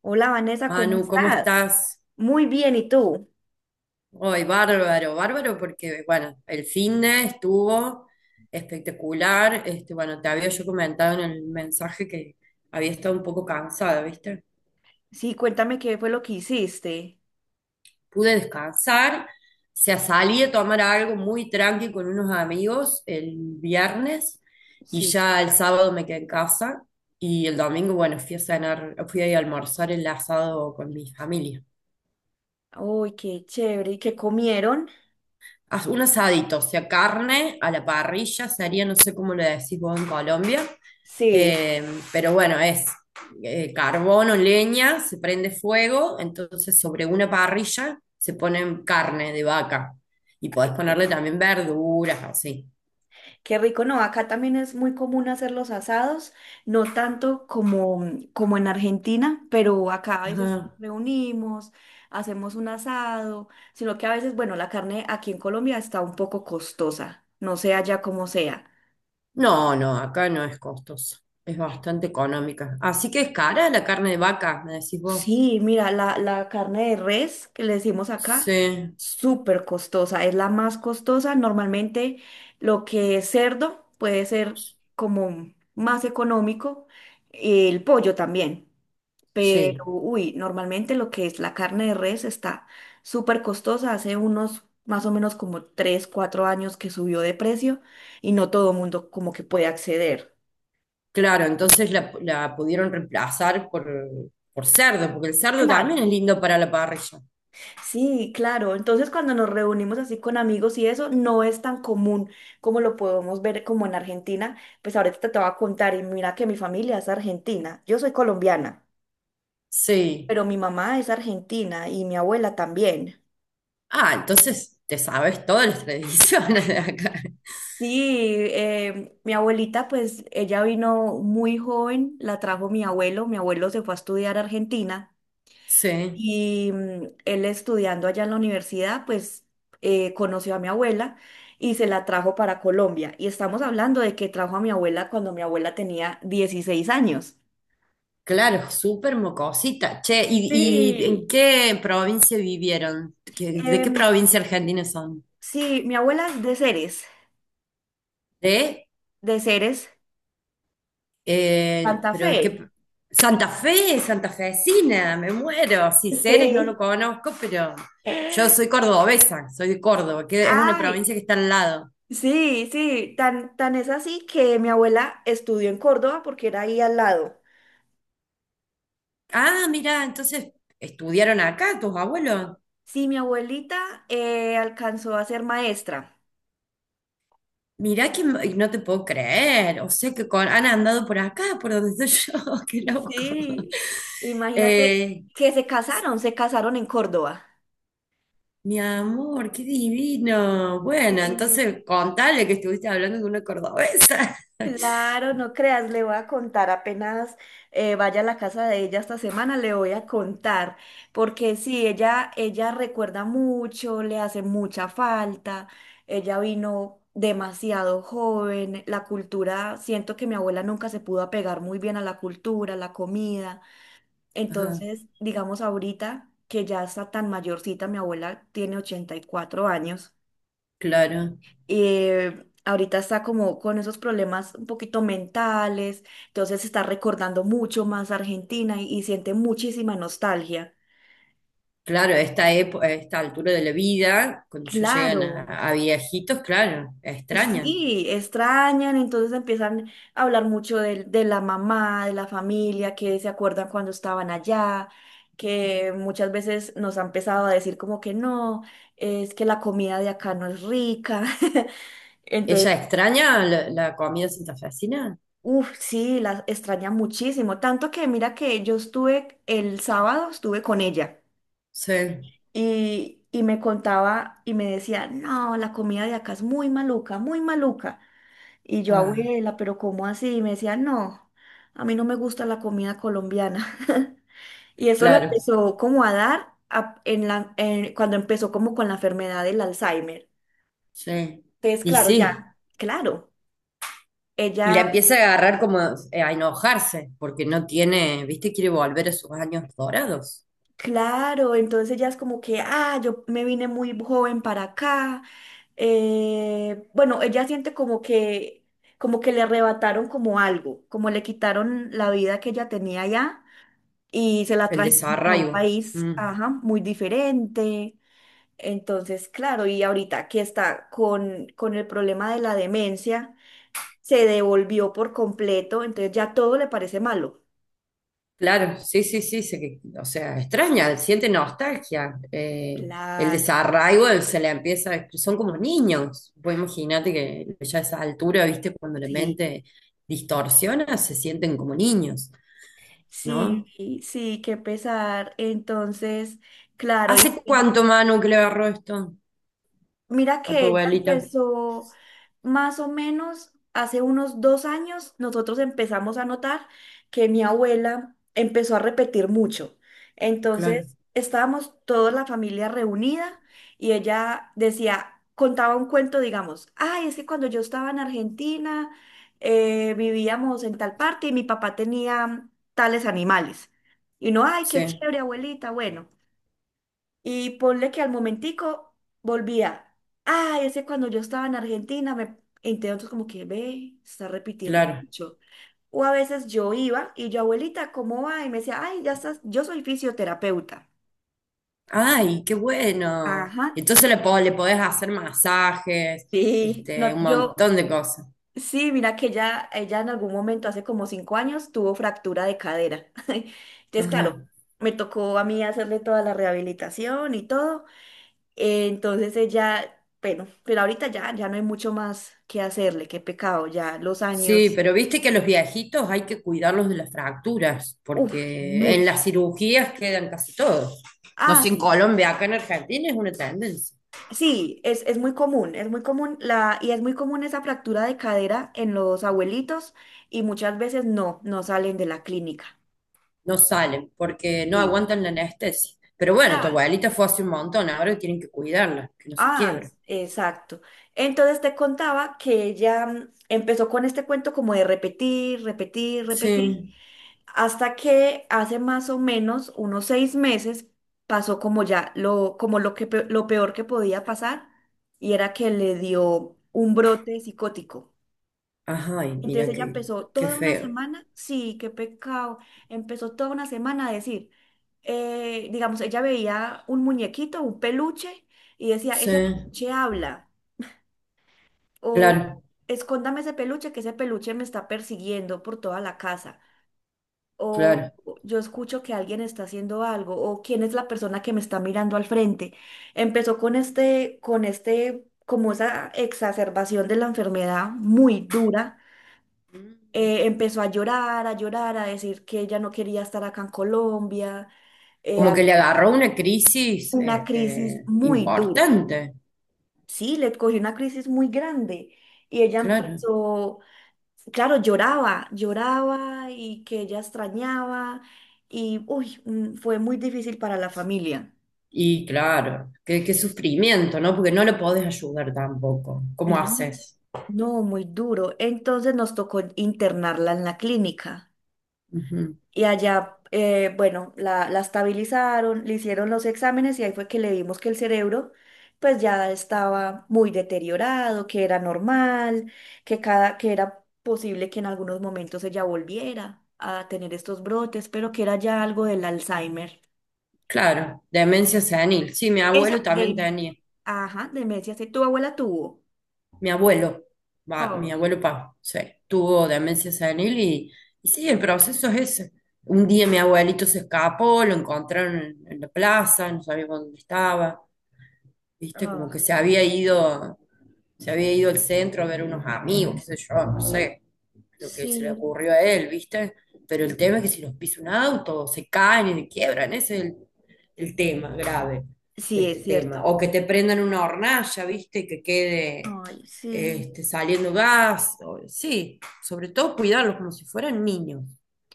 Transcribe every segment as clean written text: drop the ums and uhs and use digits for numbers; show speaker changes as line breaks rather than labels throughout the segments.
Hola Vanessa, ¿cómo
Manu, ¿cómo
estás?
estás?
Muy bien, ¿y tú?
Hoy, bárbaro, bárbaro, porque, bueno, el finde estuvo espectacular. Bueno, te había yo comentado en el mensaje que había estado un poco cansada, ¿viste?
Sí, cuéntame qué fue lo que hiciste.
Pude descansar, se salí a tomar algo muy tranqui con unos amigos el viernes, y
Sí.
ya el sábado me quedé en casa y el domingo, bueno, fui a cenar, fui a almorzar el asado con mi familia.
Uy, qué chévere. ¿Y qué comieron?
As- un asadito, o sea, carne a la parrilla, sería, no sé cómo le decís vos en Colombia,
Sí.
eh, pero bueno, es carbono, leña, se prende fuego, entonces sobre una parrilla se pone carne de vaca y podés
Ay,
ponerle también verduras, así.
qué rico, no, acá también es muy común hacer los asados, no tanto como en Argentina, pero acá a veces
Ajá.
reunimos, hacemos un asado, sino que a veces, bueno, la carne aquí en Colombia está un poco costosa, no sé allá como sea.
No, no, acá no es costoso, es bastante económica. Así que es cara la carne de vaca, me decís vos.
Sí, mira, la carne de res que le decimos acá,
Sí,
súper costosa, es la más costosa. Normalmente lo que es cerdo puede ser como más económico, el pollo también, pero
sí.
uy, normalmente lo que es la carne de res está súper costosa. Hace unos más o menos como 3 4 años que subió de precio y no todo el mundo como que puede acceder.
Claro, entonces la pudieron reemplazar por cerdo, porque el cerdo también
Claro.
es lindo para la parrilla.
Sí, claro. Entonces, cuando nos reunimos así con amigos y eso, no es tan común como lo podemos ver como en Argentina. Pues ahorita te voy a contar, y mira que mi familia es argentina. Yo soy colombiana,
Sí.
pero mi mamá es argentina y mi abuela también.
Ah, entonces te sabes todas las tradiciones de acá.
Sí, mi abuelita, pues ella vino muy joven, la trajo mi abuelo. Mi abuelo se fue a estudiar a Argentina.
Sí.
Y él estudiando allá en la universidad, pues conoció a mi abuela y se la trajo para Colombia. Y estamos hablando de que trajo a mi abuela cuando mi abuela tenía 16 años.
Claro, súper mocosita. Che, y en
Sí.
qué provincia vivieron? ¿Qué- ¿De qué
Em,
provincia argentina son?
sí, mi abuela es
¿De?
de Ceres, Santa
Pero qué
Fe.
Santa Fe, santafesina, me muero. Si Ceres no lo
Sí.
conozco, pero yo soy cordobesa, soy de Córdoba, que es una
Ay,
provincia que está al lado.
sí, sí, tan, tan es así que mi abuela estudió en Córdoba porque era ahí al lado.
Ah, mira, entonces estudiaron acá tus abuelos.
Sí, mi abuelita alcanzó a ser maestra.
Mirá que m- no te puedo creer. O sea que con- han andado por acá, por donde estoy yo. Qué loco.
Sí, imagínate
Eh,
que se casaron en Córdoba.
mi amor, qué divino. Bueno,
Sí,
entonces contale que estuviste hablando con una cordobesa.
claro, no creas, le voy a contar apenas vaya a la casa de ella esta semana, le voy a contar, porque sí, ella recuerda mucho, le hace mucha falta, ella vino demasiado joven, la cultura, siento que mi abuela nunca se pudo apegar muy bien a la cultura, a la comida.
Ajá.
Entonces, digamos ahorita que ya está tan mayorcita, mi abuela tiene 84 años,
Claro,
ahorita está como con esos problemas un poquito mentales, entonces está recordando mucho más Argentina y siente muchísima nostalgia.
claro, esta epo- a esta altura de la vida, cuando ya llegan
Claro,
a viejitos, claro, extrañan.
sí, extrañan, entonces empiezan a hablar mucho de la mamá, de la familia, que se acuerdan cuando estaban allá, que muchas veces nos han empezado a decir como que no, es que la comida de acá no es rica. Entonces,
¿Ella extraña la, la comida santafesina?
uff, sí, la extraña muchísimo. Tanto que mira que yo estuve, el sábado estuve con ella
Sí,
y me contaba y me decía, no, la comida de acá es muy maluca, muy maluca. Y yo,
ah,
abuela, pero ¿cómo así? Y me decía, no, a mí no me gusta la comida colombiana. Y eso la
claro,
empezó como a dar cuando empezó como con la enfermedad del Alzheimer.
sí.
Entonces,
Y
claro, ya,
sí,
claro.
y la
Ella,
empieza a agarrar como a enojarse, porque no tiene, viste, quiere volver a sus años dorados,
claro, entonces ella es como que, ah, yo me vine muy joven para acá. Bueno, ella siente como que le arrebataron como algo, como le quitaron la vida que ella tenía allá y se la
el
trajeron para un
desarraigo.
país,
Mm.
ajá, muy diferente. Entonces, claro, y ahorita que está con el problema de la demencia, se devolvió por completo, entonces ya todo le parece malo.
Claro, sí, sí, sí, se- o sea, extraña, siente nostalgia, el
Claro,
desarraigo él se le empieza, son como niños, vos imagínate que ya a esa altura, viste, cuando la
sí,
mente distorsiona, se sienten como niños,
sí,
¿no?
sí, qué pesar. Entonces, claro, y
¿Hace cuánto, Manu, que le agarró esto
mira
a tu
que ella
abuelita?
empezó más o menos hace unos 2 años, nosotros empezamos a notar que mi abuela empezó a repetir mucho.
Claro,
Entonces, estábamos toda la familia reunida y ella decía, contaba un cuento, digamos, ay, es que cuando yo estaba en Argentina, vivíamos en tal parte y mi papá tenía tales animales. Y no, ay, qué
sí,
chévere, abuelita, bueno. Y ponle que al momentico volvía. Ay, ese cuando yo estaba en Argentina, me entonces como que ve, está repitiendo
claro.
mucho. O a veces yo iba y yo, abuelita, ¿cómo va? Y me decía, ay, ya estás, yo soy fisioterapeuta.
Ay, qué bueno.
Ajá.
Entonces le, po- le podés hacer masajes,
Sí,
este, un
no, yo,
montón de cosas.
sí, mira que ella en algún momento, hace como 5 años, tuvo fractura de cadera. Entonces, claro,
Ajá.
me tocó a mí hacerle toda la rehabilitación y todo. Entonces ella, bueno, pero ahorita ya, ya no hay mucho más que hacerle, qué pecado, ya los
Sí,
años,
pero viste que a los viejitos hay que cuidarlos de las fracturas,
uff,
porque en las
mucho.
cirugías quedan casi todos. No
Ah,
sé, en
sí,
Colombia, acá en Argentina es una tendencia.
sí, es muy común la, y es muy común esa fractura de cadera en los abuelitos y muchas veces no, no salen de la clínica.
No salen porque no
Sí,
aguantan la anestesia. Pero bueno, tu
claro.
abuelita fue hace un montón, ahora tienen que cuidarla, que no se
Ah,
quiebre.
exacto. Entonces te contaba que ella empezó con este cuento como de repetir, repetir, repetir.
Sí.
Hasta que hace más o menos unos 6 meses pasó como ya lo, como lo que, pe- lo peor que podía pasar y era que le dio un brote psicótico.
Ajá, y
Entonces
mira
ella
qué,
empezó
qué
toda una
feo.
semana, sí, qué pecado, empezó toda una semana a decir, digamos, ella veía un muñequito, un peluche y decía,
Sí,
ese peluche habla o
claro,
escóndame ese peluche, que ese peluche me está persiguiendo por toda la casa. O
claro.
yo escucho que alguien está haciendo algo, o quién es la persona que me está mirando al frente. Empezó con este, como esa exacerbación de la enfermedad muy dura.
Mm.
Empezó a llorar, a llorar, a decir que ella no quería estar acá en Colombia, eh,
Como
a-
que le agarró una crisis,
una crisis
este,
muy dura.
importante.
Sí, le cogió una crisis muy grande y ella
Claro.
empezó claro, lloraba, lloraba y que ella extrañaba y, uy, fue muy difícil para la familia,
Y claro, qué, qué sufrimiento, ¿no? Porque no lo podés ayudar tampoco. ¿Cómo
¿no?
haces?
No, muy duro. Entonces nos tocó internarla en la clínica.
Ujú.
Y allá, bueno, la estabilizaron, le hicieron los exámenes y ahí fue que le vimos que el cerebro pues ya estaba muy deteriorado, que era normal, que, cada, que era posible que en algunos momentos ella volviera a tener estos brotes, pero que era ya algo del Alzheimer.
Claro, demencia senil. Sí, mi abuelo
Esa de
también
demencia.
tenía.
Ajá, demencia, sí, tu abuela tuvo.
Mi abuelo, va, mi
Oh,
abuelo pa, sí, tuvo demencia senil y sí, el proceso es ese. Un día mi abuelito se escapó, lo encontraron en la plaza, no sabíamos dónde estaba, viste, como
oh,
que se había ido al centro a ver unos amigos, qué sé yo, no sé, lo que se le
sí,
ocurrió a él, viste, pero el tema es que si los pisa un auto, se caen y se quiebran, ese es el tema grave de
sí,
este
es
tema,
cierto.
o que te prendan una hornalla, viste, y que quede
Ay, sí.
este, saliendo gas, o- sí, sobre todo cuidarlos como si fueran niños,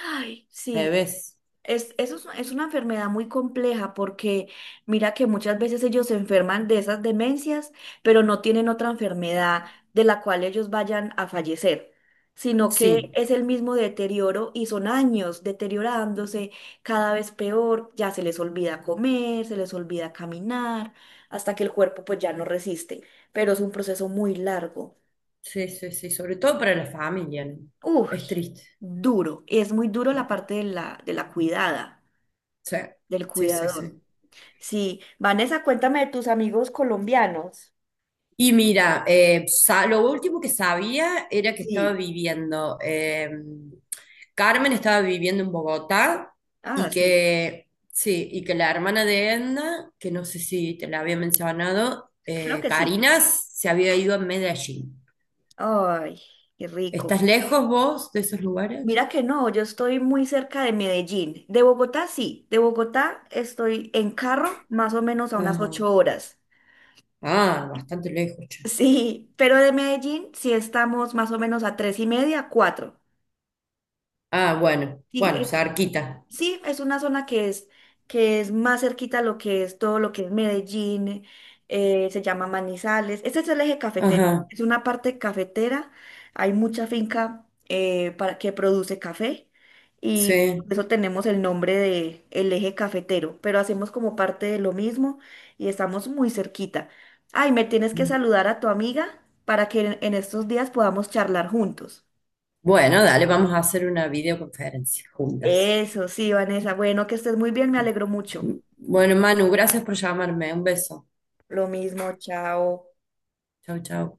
Ay, sí.
bebés,
Es, eso es una enfermedad muy compleja porque mira que muchas veces ellos se enferman de esas demencias, pero no tienen otra enfermedad de la cual ellos vayan a fallecer, sino que
sí,
es el mismo deterioro y son años deteriorándose cada vez peor, ya se les olvida comer, se les olvida caminar, hasta que el cuerpo pues ya no resiste, pero es un proceso muy largo.
sí, sí, sí, sobre todo para la familia, ¿no?
Uy,
Es triste,
duro, es muy duro la parte de la cuidada,
sí,
del
sí, sí,
cuidador.
sí.
Sí, Vanessa, cuéntame de tus amigos colombianos.
Y mira, sa- lo último que sabía era que estaba
Sí,
viviendo, Carmen estaba viviendo en Bogotá
ah,
y
sí,
que, sí, y que la hermana de Edna, que no sé si te la había mencionado,
creo que sí.
Karina, se había ido a Medellín.
Ay, qué rico.
¿Estás lejos vos de esos lugares?
Mira que no, yo estoy muy cerca de Medellín. De Bogotá, sí. De Bogotá estoy en carro más o menos a unas
Ajá.
8 horas.
Ah, bastante lejos, che.
Sí, pero de Medellín sí estamos más o menos a tres y media, cuatro.
Ah, bueno,
Sí,
bueno,
es,
cerquita.
sí, es una zona que es, más cerquita a lo que es todo lo que es Medellín, se llama Manizales. Este es el eje cafetero,
Ajá,
es una parte cafetera, hay mucha finca para, que produce café y
sí.
por eso tenemos el nombre de el eje cafetero, pero hacemos como parte de lo mismo y estamos muy cerquita. Ay, me tienes que saludar a tu amiga para que en estos días podamos charlar juntos.
Bueno, dale, vamos a hacer una videoconferencia juntas.
Eso, sí, Vanessa. Bueno, que estés muy bien, me alegro mucho.
Bueno, Manu, gracias por llamarme. Un beso.
Lo mismo, chao.
Chau, chau.